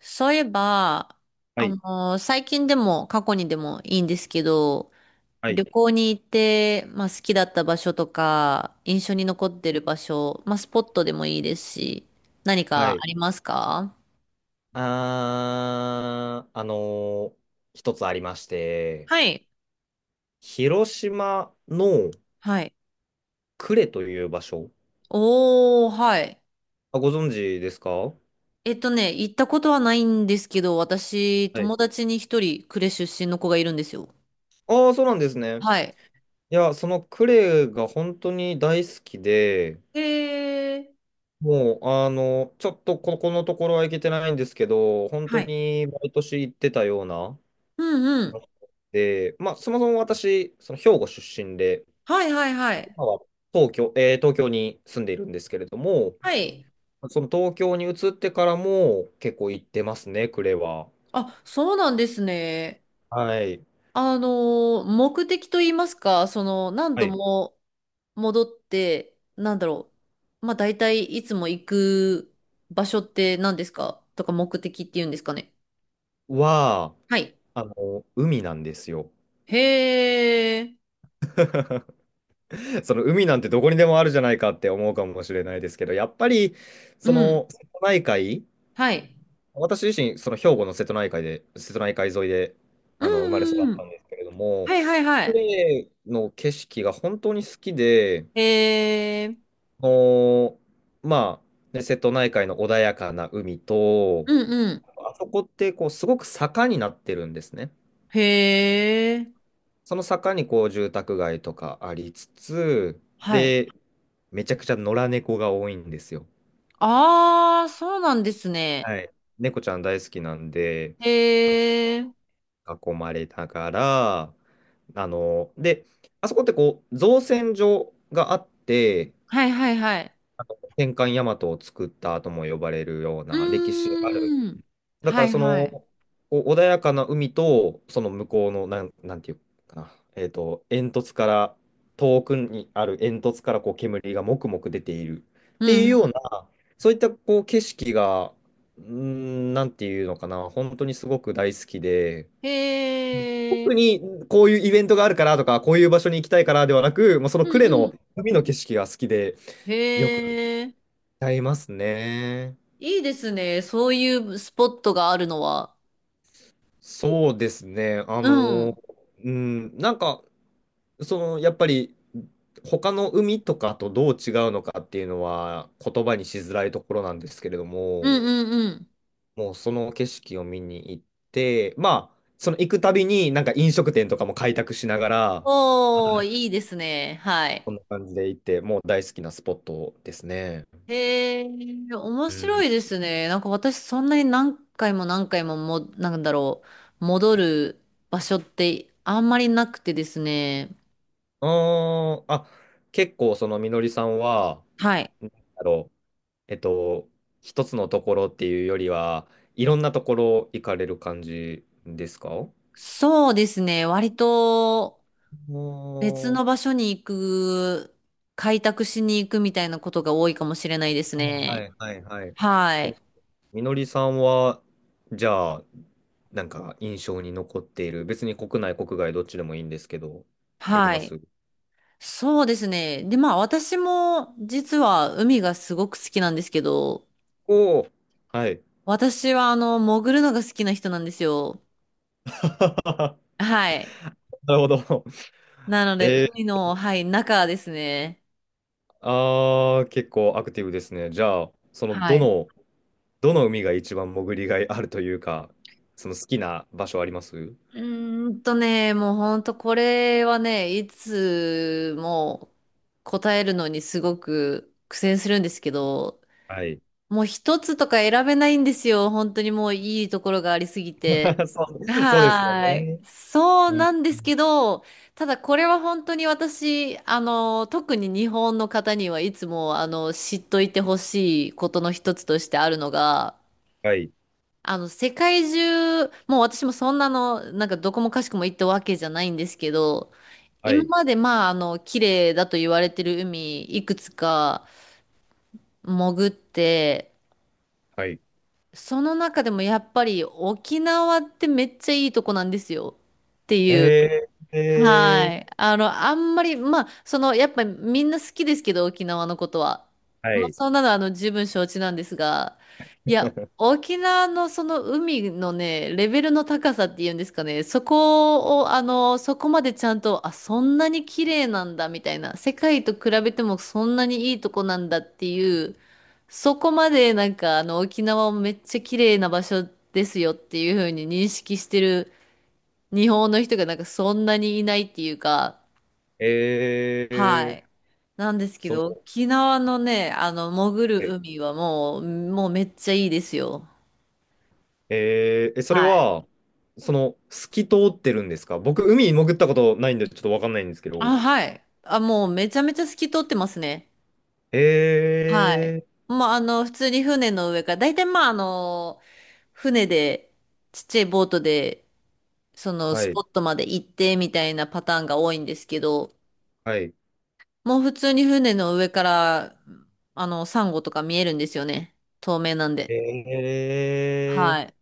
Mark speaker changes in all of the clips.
Speaker 1: そういえば、
Speaker 2: はい、
Speaker 1: 最近でも過去にでもいいんですけど、
Speaker 2: はい、
Speaker 1: 旅行に行って、まあ、好きだった場所とか、印象に残ってる場所、まあ、スポットでもいいですし、何
Speaker 2: は
Speaker 1: か
Speaker 2: い。
Speaker 1: ありますか？
Speaker 2: あー、あのー一つありまして、
Speaker 1: はい。
Speaker 2: 広島の
Speaker 1: はい。
Speaker 2: 呉という場所、
Speaker 1: おー、はい。
Speaker 2: あ、ご存知ですか？は
Speaker 1: 行ったことはないんですけど、私、
Speaker 2: い。
Speaker 1: 友達に一人、呉出身の子がいるんですよ。
Speaker 2: ああ、そうなんですね。
Speaker 1: はい。
Speaker 2: いや、その呉が本当に大好きで、
Speaker 1: へー、
Speaker 2: もう、ちょっとここのところは行けてないんですけど、本
Speaker 1: は
Speaker 2: 当
Speaker 1: い。
Speaker 2: に毎年行ってたような
Speaker 1: うんう
Speaker 2: 場
Speaker 1: ん。
Speaker 2: 所で、まあ、そもそも私、その兵庫出身で、
Speaker 1: はいはいはい。
Speaker 2: 今は東京に住んでいるんですけれども、
Speaker 1: はい。
Speaker 2: その東京に移ってからも結構行ってますね、呉は。
Speaker 1: あ、そうなんですね。
Speaker 2: はい。
Speaker 1: あの目的と言いますか、その、何
Speaker 2: は
Speaker 1: 度
Speaker 2: い。
Speaker 1: も戻って、なんだろう。まあ、大体いつも行く場所って何ですかとか目的って言うんですかね。
Speaker 2: は、
Speaker 1: はい。
Speaker 2: あの、海なんですよ。
Speaker 1: へー。
Speaker 2: その海なんてどこにでもあるじゃないかって思うかもしれないですけど、やっぱり、
Speaker 1: う
Speaker 2: そ
Speaker 1: ん。
Speaker 2: の、瀬戸内海、
Speaker 1: はい。
Speaker 2: 私自身、その兵庫の瀬戸内海で、瀬戸内海沿いで、
Speaker 1: うん
Speaker 2: 生まれ育
Speaker 1: う
Speaker 2: っ
Speaker 1: んう
Speaker 2: た
Speaker 1: ん。
Speaker 2: んですけれども、
Speaker 1: はいはいはい。
Speaker 2: 呉の景色が本当に好きで、
Speaker 1: へー。
Speaker 2: あのまあ、ね瀬戸内海の穏やかな海と、
Speaker 1: うんうん。
Speaker 2: あそこってこうすごく坂になってるんですね。
Speaker 1: へー。
Speaker 2: その坂にこう住宅街とかありつつ、
Speaker 1: はい。
Speaker 2: で、めちゃくちゃ野良猫が多いんですよ。
Speaker 1: あー、そうなんですね。
Speaker 2: はい。猫ちゃん大好きなんで、
Speaker 1: へー。
Speaker 2: 囲まれながら、で、あそこってこう造船所があって、
Speaker 1: はいはいはい。
Speaker 2: 戦艦大和を作ったとも呼ばれるよう
Speaker 1: う
Speaker 2: な歴史がある。
Speaker 1: ーん。
Speaker 2: だか
Speaker 1: は
Speaker 2: ら
Speaker 1: い
Speaker 2: そ
Speaker 1: は
Speaker 2: の
Speaker 1: い。
Speaker 2: こう穏やかな海とその向こうのなんていうかな、煙突から遠くにある煙突からこう煙がもくもく出ているっ
Speaker 1: う
Speaker 2: ていうよう
Speaker 1: ん。
Speaker 2: なそういったこう景色がなんていうのかな、本当にすごく大好きで、
Speaker 1: へえ、
Speaker 2: 特にこういうイベントがあるからとかこういう場所に行きたいからではなく、もうその
Speaker 1: うん
Speaker 2: 呉
Speaker 1: う
Speaker 2: の
Speaker 1: ん。
Speaker 2: 海の景色が好きでよく
Speaker 1: へえ、
Speaker 2: 歌いますね。
Speaker 1: いいですね。そういうスポットがあるのは。
Speaker 2: そうですね。
Speaker 1: うん。うん
Speaker 2: なんかその、やっぱり、他の海とかとどう違うのかっていうのは言葉にしづらいところなんですけれど
Speaker 1: う
Speaker 2: も、
Speaker 1: んうん。
Speaker 2: もうその景色を見に行って、まあ、その行くたびになんか飲食店とかも開拓しながら、あ
Speaker 1: おー、いいですね。はい。
Speaker 2: こんな感じで行って、もう大好きなスポットですね。
Speaker 1: へえ、面
Speaker 2: う
Speaker 1: 白
Speaker 2: ん。
Speaker 1: いですね。なんか私そんなに何回も何回も、なんだろう、戻る場所ってあんまりなくてですね。
Speaker 2: あーあ、結構そのみのりさんは、
Speaker 1: はい。
Speaker 2: なんだろう、えっと、一つのところっていうよりは、いろんなところ行かれる感じですか？
Speaker 1: そうですね。割と
Speaker 2: お
Speaker 1: 別
Speaker 2: ー、
Speaker 1: の場所に行く、開拓しに行くみたいなことが多いかもしれないです
Speaker 2: は
Speaker 1: ね。
Speaker 2: いはいはい、
Speaker 1: は
Speaker 2: そう、
Speaker 1: い。
Speaker 2: みのりさんは、じゃあ、なんか印象に残っている、別に国内、国外、どっちでもいいんですけど、あり
Speaker 1: は
Speaker 2: ま
Speaker 1: い。
Speaker 2: す？
Speaker 1: そうですね。で、まあ私も実は海がすごく好きなんですけど、
Speaker 2: おおー、はい。
Speaker 1: 私は潜るのが好きな人なんですよ。はい。
Speaker 2: なるほど。
Speaker 1: なの で、
Speaker 2: え
Speaker 1: 海
Speaker 2: ー、
Speaker 1: の、はい、中ですね。
Speaker 2: 結構アクティブですね。じゃあ、その、
Speaker 1: は
Speaker 2: ど
Speaker 1: い。
Speaker 2: の、どの海が一番潜りがいあるというか、その好きな場所あります？
Speaker 1: うもうほんとこれはね、いつも答えるのにすごく苦戦するんですけど、
Speaker 2: はい。
Speaker 1: もう一つとか選べないんですよ。本当にもういいところがありすぎて。
Speaker 2: そう、そうですよ
Speaker 1: はー
Speaker 2: ね。
Speaker 1: い。そう
Speaker 2: うん、
Speaker 1: なんですけど、ただこれは本当に私、特に日本の方にはいつも、知っといてほしいことの一つとしてあるのが、
Speaker 2: はい。
Speaker 1: 世界中、もう私もそんなの、なんかどこもかしこも行ったわけじゃないんですけど、
Speaker 2: は
Speaker 1: 今
Speaker 2: い。
Speaker 1: までまあ、綺麗だと言われてる海、いくつか潜って、
Speaker 2: はい。
Speaker 1: その中でもやっぱり沖縄ってめっちゃいいとこなんですよっていう。
Speaker 2: へ
Speaker 1: は
Speaker 2: え、
Speaker 1: い。あんまり、まあ、その、やっぱりみんな好きですけど、沖縄のことは。
Speaker 2: は
Speaker 1: まあ、
Speaker 2: い。
Speaker 1: そんなの、十分承知なんですが、いや、沖縄のその海のね、レベルの高さっていうんですかね、そこを、そこまでちゃんと、あ、そんなに綺麗なんだ、みたいな、世界と比べてもそんなにいいとこなんだっていう、そこまでなんか、沖縄をめっちゃ綺麗な場所ですよっていうふうに認識してる日本の人がなんかそんなにいないっていうか、は
Speaker 2: えー、
Speaker 1: い。なんですけ
Speaker 2: その、
Speaker 1: ど、沖縄のね、潜る
Speaker 2: はい
Speaker 1: 海はもう、めっちゃいいですよ。
Speaker 2: えー、えそれ
Speaker 1: はい。
Speaker 2: は、その、透き通ってるんですか？僕、海に潜ったことないんで、ちょっとわかんないんですけど。
Speaker 1: あ、はい。あ、もうめちゃめちゃ透き通ってますね。はい。
Speaker 2: え
Speaker 1: まあ、普通に船の上から、大体まあ、船で、ちっちゃいボートで、その
Speaker 2: は
Speaker 1: ス
Speaker 2: い、
Speaker 1: ポットまで行ってみたいなパターンが多いんですけど、
Speaker 2: はい。
Speaker 1: もう普通に船の上から、サンゴとか見えるんですよね。透明なんで。はい。
Speaker 2: え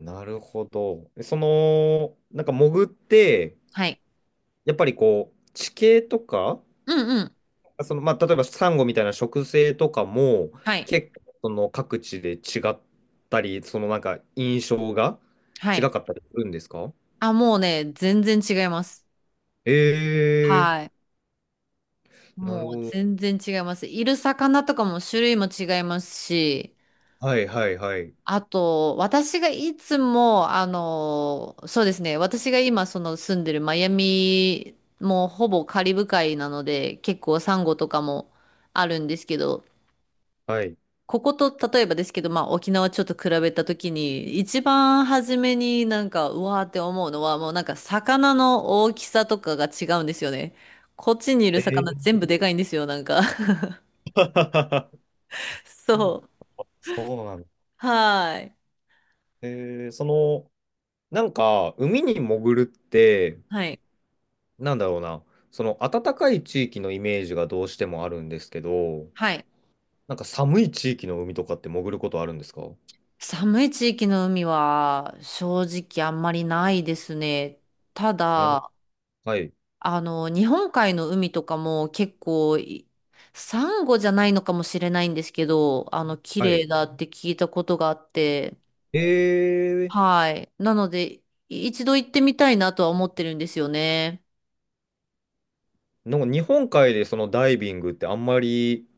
Speaker 2: なるほど。その、なんか潜って、
Speaker 1: はい。
Speaker 2: やっぱりこう、地形とか、
Speaker 1: うんうん。
Speaker 2: その、まあ、例えばサンゴみたいな植生とかも
Speaker 1: はい。
Speaker 2: 結構その各地で違ったり、そのなんか印象が
Speaker 1: は
Speaker 2: 違
Speaker 1: い。
Speaker 2: かったりするんですか？
Speaker 1: あ、もうね、全然違います。
Speaker 2: え
Speaker 1: はい。
Speaker 2: なる
Speaker 1: もう
Speaker 2: ほど。
Speaker 1: 全然違います。いる魚とかも種類も違いますし、
Speaker 2: はいはいはい。
Speaker 1: あと、私がいつも、そうですね、私が今その住んでるマイアミもほぼカリブ海なので、結構サンゴとかもあるんですけど、
Speaker 2: はい。
Speaker 1: ここと例えばですけど、まあ、沖縄ちょっと比べたときに、一番初めになんか、うわーって思うのは、もうなんか魚の大きさとかが違うんですよね。こっちにいる
Speaker 2: え
Speaker 1: 魚全
Speaker 2: ー
Speaker 1: 部でかいんですよ、なんか。そう。
Speaker 2: そうなんだ。
Speaker 1: はーい。
Speaker 2: その、なんか、海に潜るって、
Speaker 1: はい。
Speaker 2: なんだろうな、その暖かい地域のイメージがどうしてもあるんですけど、
Speaker 1: はい。
Speaker 2: なんか寒い地域の海とかって潜ることあるんですか？
Speaker 1: 寒い地域の海は正直あんまりないですね。た
Speaker 2: うん、
Speaker 1: だ、
Speaker 2: はい。
Speaker 1: 日本海の海とかも結構い、サンゴじゃないのかもしれないんですけど、綺
Speaker 2: は
Speaker 1: 麗
Speaker 2: い
Speaker 1: だって聞いたことがあって、
Speaker 2: えー、
Speaker 1: はい。なので、一度行ってみたいなとは思ってるんですよね。
Speaker 2: なんか日本海でそのダイビングってあんまり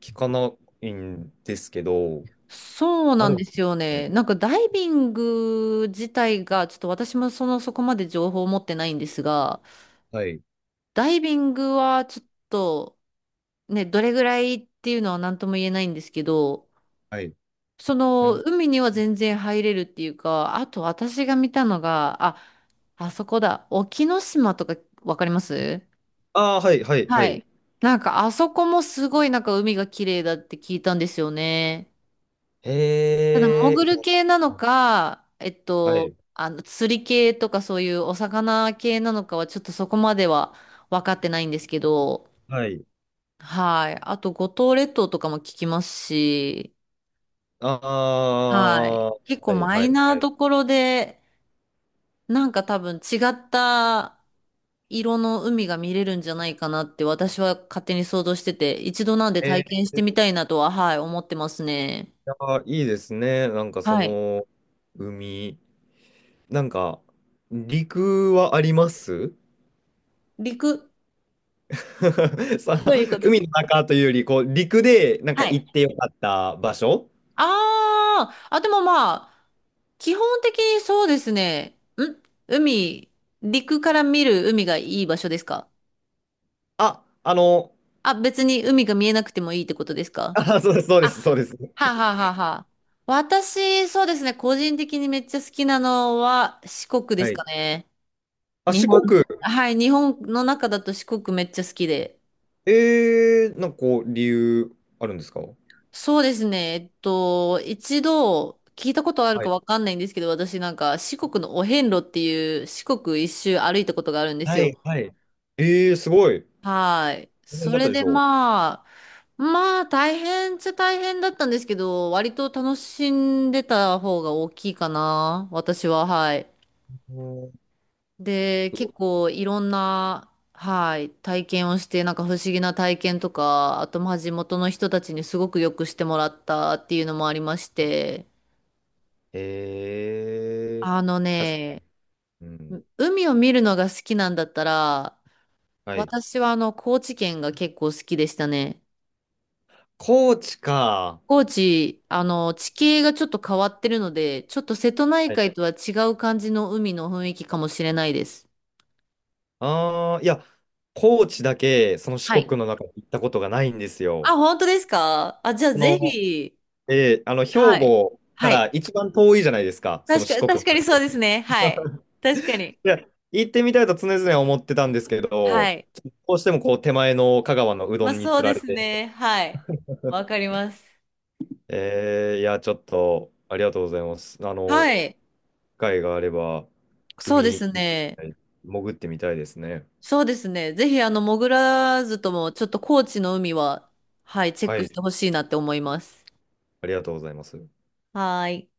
Speaker 2: 聞かないんですけど、
Speaker 1: そう
Speaker 2: あ
Speaker 1: なん
Speaker 2: る
Speaker 1: で
Speaker 2: ん
Speaker 1: す
Speaker 2: で
Speaker 1: よ
Speaker 2: す
Speaker 1: ね。
Speaker 2: ね。
Speaker 1: なんかダイビング自体が、ちょっと私もその、そこまで情報を持ってないんですが、
Speaker 2: はい、
Speaker 1: ダイビングはちょっと、ね、どれぐらいっていうのは何とも言えないんですけど、
Speaker 2: はい。
Speaker 1: そ
Speaker 2: う
Speaker 1: の、
Speaker 2: ん、
Speaker 1: 海には全然入れるっていうか、あと私が見たのが、あ、あそこだ。沖ノ島とかわかります？
Speaker 2: ああ、はい、はい、は
Speaker 1: は
Speaker 2: い。
Speaker 1: い。なんかあそこもすごいなんか海が綺麗だって聞いたんですよね。
Speaker 2: へ
Speaker 1: ただ潜
Speaker 2: え、い
Speaker 1: る
Speaker 2: や、
Speaker 1: 系なのか、
Speaker 2: はい、
Speaker 1: 釣り系とかそういうお魚系なのかはちょっとそこまでは分かってないんですけど、
Speaker 2: はい。
Speaker 1: はい。あと五島列島とかも聞きますし、
Speaker 2: あ
Speaker 1: はい。
Speaker 2: あ、は
Speaker 1: 結構
Speaker 2: い、
Speaker 1: マ
Speaker 2: はい、
Speaker 1: イナ
Speaker 2: は
Speaker 1: ーど
Speaker 2: い。
Speaker 1: ころで、なんか多分違った色の海が見れるんじゃないかなって私は勝手に想像してて、一度なんで体験し
Speaker 2: い
Speaker 1: てみたいなとは、はい、思ってますね。
Speaker 2: や、いいですね。なんかそ
Speaker 1: はい。
Speaker 2: の、海、なんか、陸はあります？
Speaker 1: 陸
Speaker 2: さ、
Speaker 1: というこ
Speaker 2: 海
Speaker 1: と？
Speaker 2: の中というより、こう、陸で、なんか
Speaker 1: は
Speaker 2: 行
Speaker 1: い。
Speaker 2: ってよかった場所？
Speaker 1: ああ、あ、でもまあ、基本的にそうですね。海、陸から見る海がいい場所ですか
Speaker 2: あ、
Speaker 1: あ？別に海が見えなくてもいいってことですか
Speaker 2: あ、そうです、そうで
Speaker 1: あ？
Speaker 2: す、そうです。
Speaker 1: はあはあはあはあ。私、そうですね、個人的にめっちゃ好きなのは四国で
Speaker 2: は
Speaker 1: す
Speaker 2: い。
Speaker 1: かね。
Speaker 2: あ、
Speaker 1: 日
Speaker 2: 四
Speaker 1: 本、
Speaker 2: 国、
Speaker 1: はい、日本の中だと四国めっちゃ好きで。
Speaker 2: なんかこう、理由あるんですか？
Speaker 1: そうですね。一度聞いたことある
Speaker 2: は
Speaker 1: か
Speaker 2: い。
Speaker 1: わかんないんですけど、私なんか四国のお遍路っていう四国一周歩いたことがあるんです
Speaker 2: は
Speaker 1: よ。
Speaker 2: い。はい。えすごい。
Speaker 1: はい。
Speaker 2: 大
Speaker 1: そ
Speaker 2: 変だった
Speaker 1: れ
Speaker 2: でし
Speaker 1: で
Speaker 2: ょ
Speaker 1: まあ、大変っちゃ大変だったんですけど、割と楽しんでた方が大きいかな。私は、はい。
Speaker 2: う？うん、
Speaker 1: で、
Speaker 2: すごい、
Speaker 1: 結構いろんな、はい、体験をして、なんか不思議な体験とか、あと、まあ、地元の人たちにすごくよくしてもらったっていうのもありまして、あの
Speaker 2: 確かに。
Speaker 1: ね、
Speaker 2: うん。
Speaker 1: 海を見るのが好きなんだったら、
Speaker 2: はい。
Speaker 1: 私は高知県が結構好きでしたね。
Speaker 2: 高知か。
Speaker 1: 高知、地形がちょっと変わってるので、ちょっと瀬戸内
Speaker 2: はい。
Speaker 1: 海とは違う感じの海の雰囲気かもしれないです。
Speaker 2: いや、高知だけ、その四
Speaker 1: はい。
Speaker 2: 国の中で行ったことがないんですよ。
Speaker 1: あ、本当ですかあ？じゃあ
Speaker 2: そ
Speaker 1: ぜ
Speaker 2: の、
Speaker 1: ひ、
Speaker 2: 兵
Speaker 1: はい。
Speaker 2: 庫か
Speaker 1: は
Speaker 2: ら
Speaker 1: い。
Speaker 2: 一番遠いじゃないですか、その
Speaker 1: 確
Speaker 2: 四
Speaker 1: か、
Speaker 2: 国。
Speaker 1: 確かにそうですね。はい。確かに。
Speaker 2: いや、行ってみたいと常々思ってたんですけ
Speaker 1: は
Speaker 2: ど、
Speaker 1: い。
Speaker 2: どうしてもこう手前の香川のうど
Speaker 1: まあ
Speaker 2: んに
Speaker 1: そう
Speaker 2: つ
Speaker 1: で
Speaker 2: られ
Speaker 1: す
Speaker 2: て、
Speaker 1: ね。はい。わか ります。
Speaker 2: いや、ちょっとありがとうございます。
Speaker 1: はい。
Speaker 2: 機会があれば、
Speaker 1: そうで
Speaker 2: 海、
Speaker 1: すね。
Speaker 2: 潜ってみたいですね。
Speaker 1: そうですね。ぜひ、潜らずとも、ちょっと高知の海は、はい、チェッ
Speaker 2: は
Speaker 1: ク
Speaker 2: い、
Speaker 1: してほしいなって思います。
Speaker 2: ありがとうございます。
Speaker 1: はーい。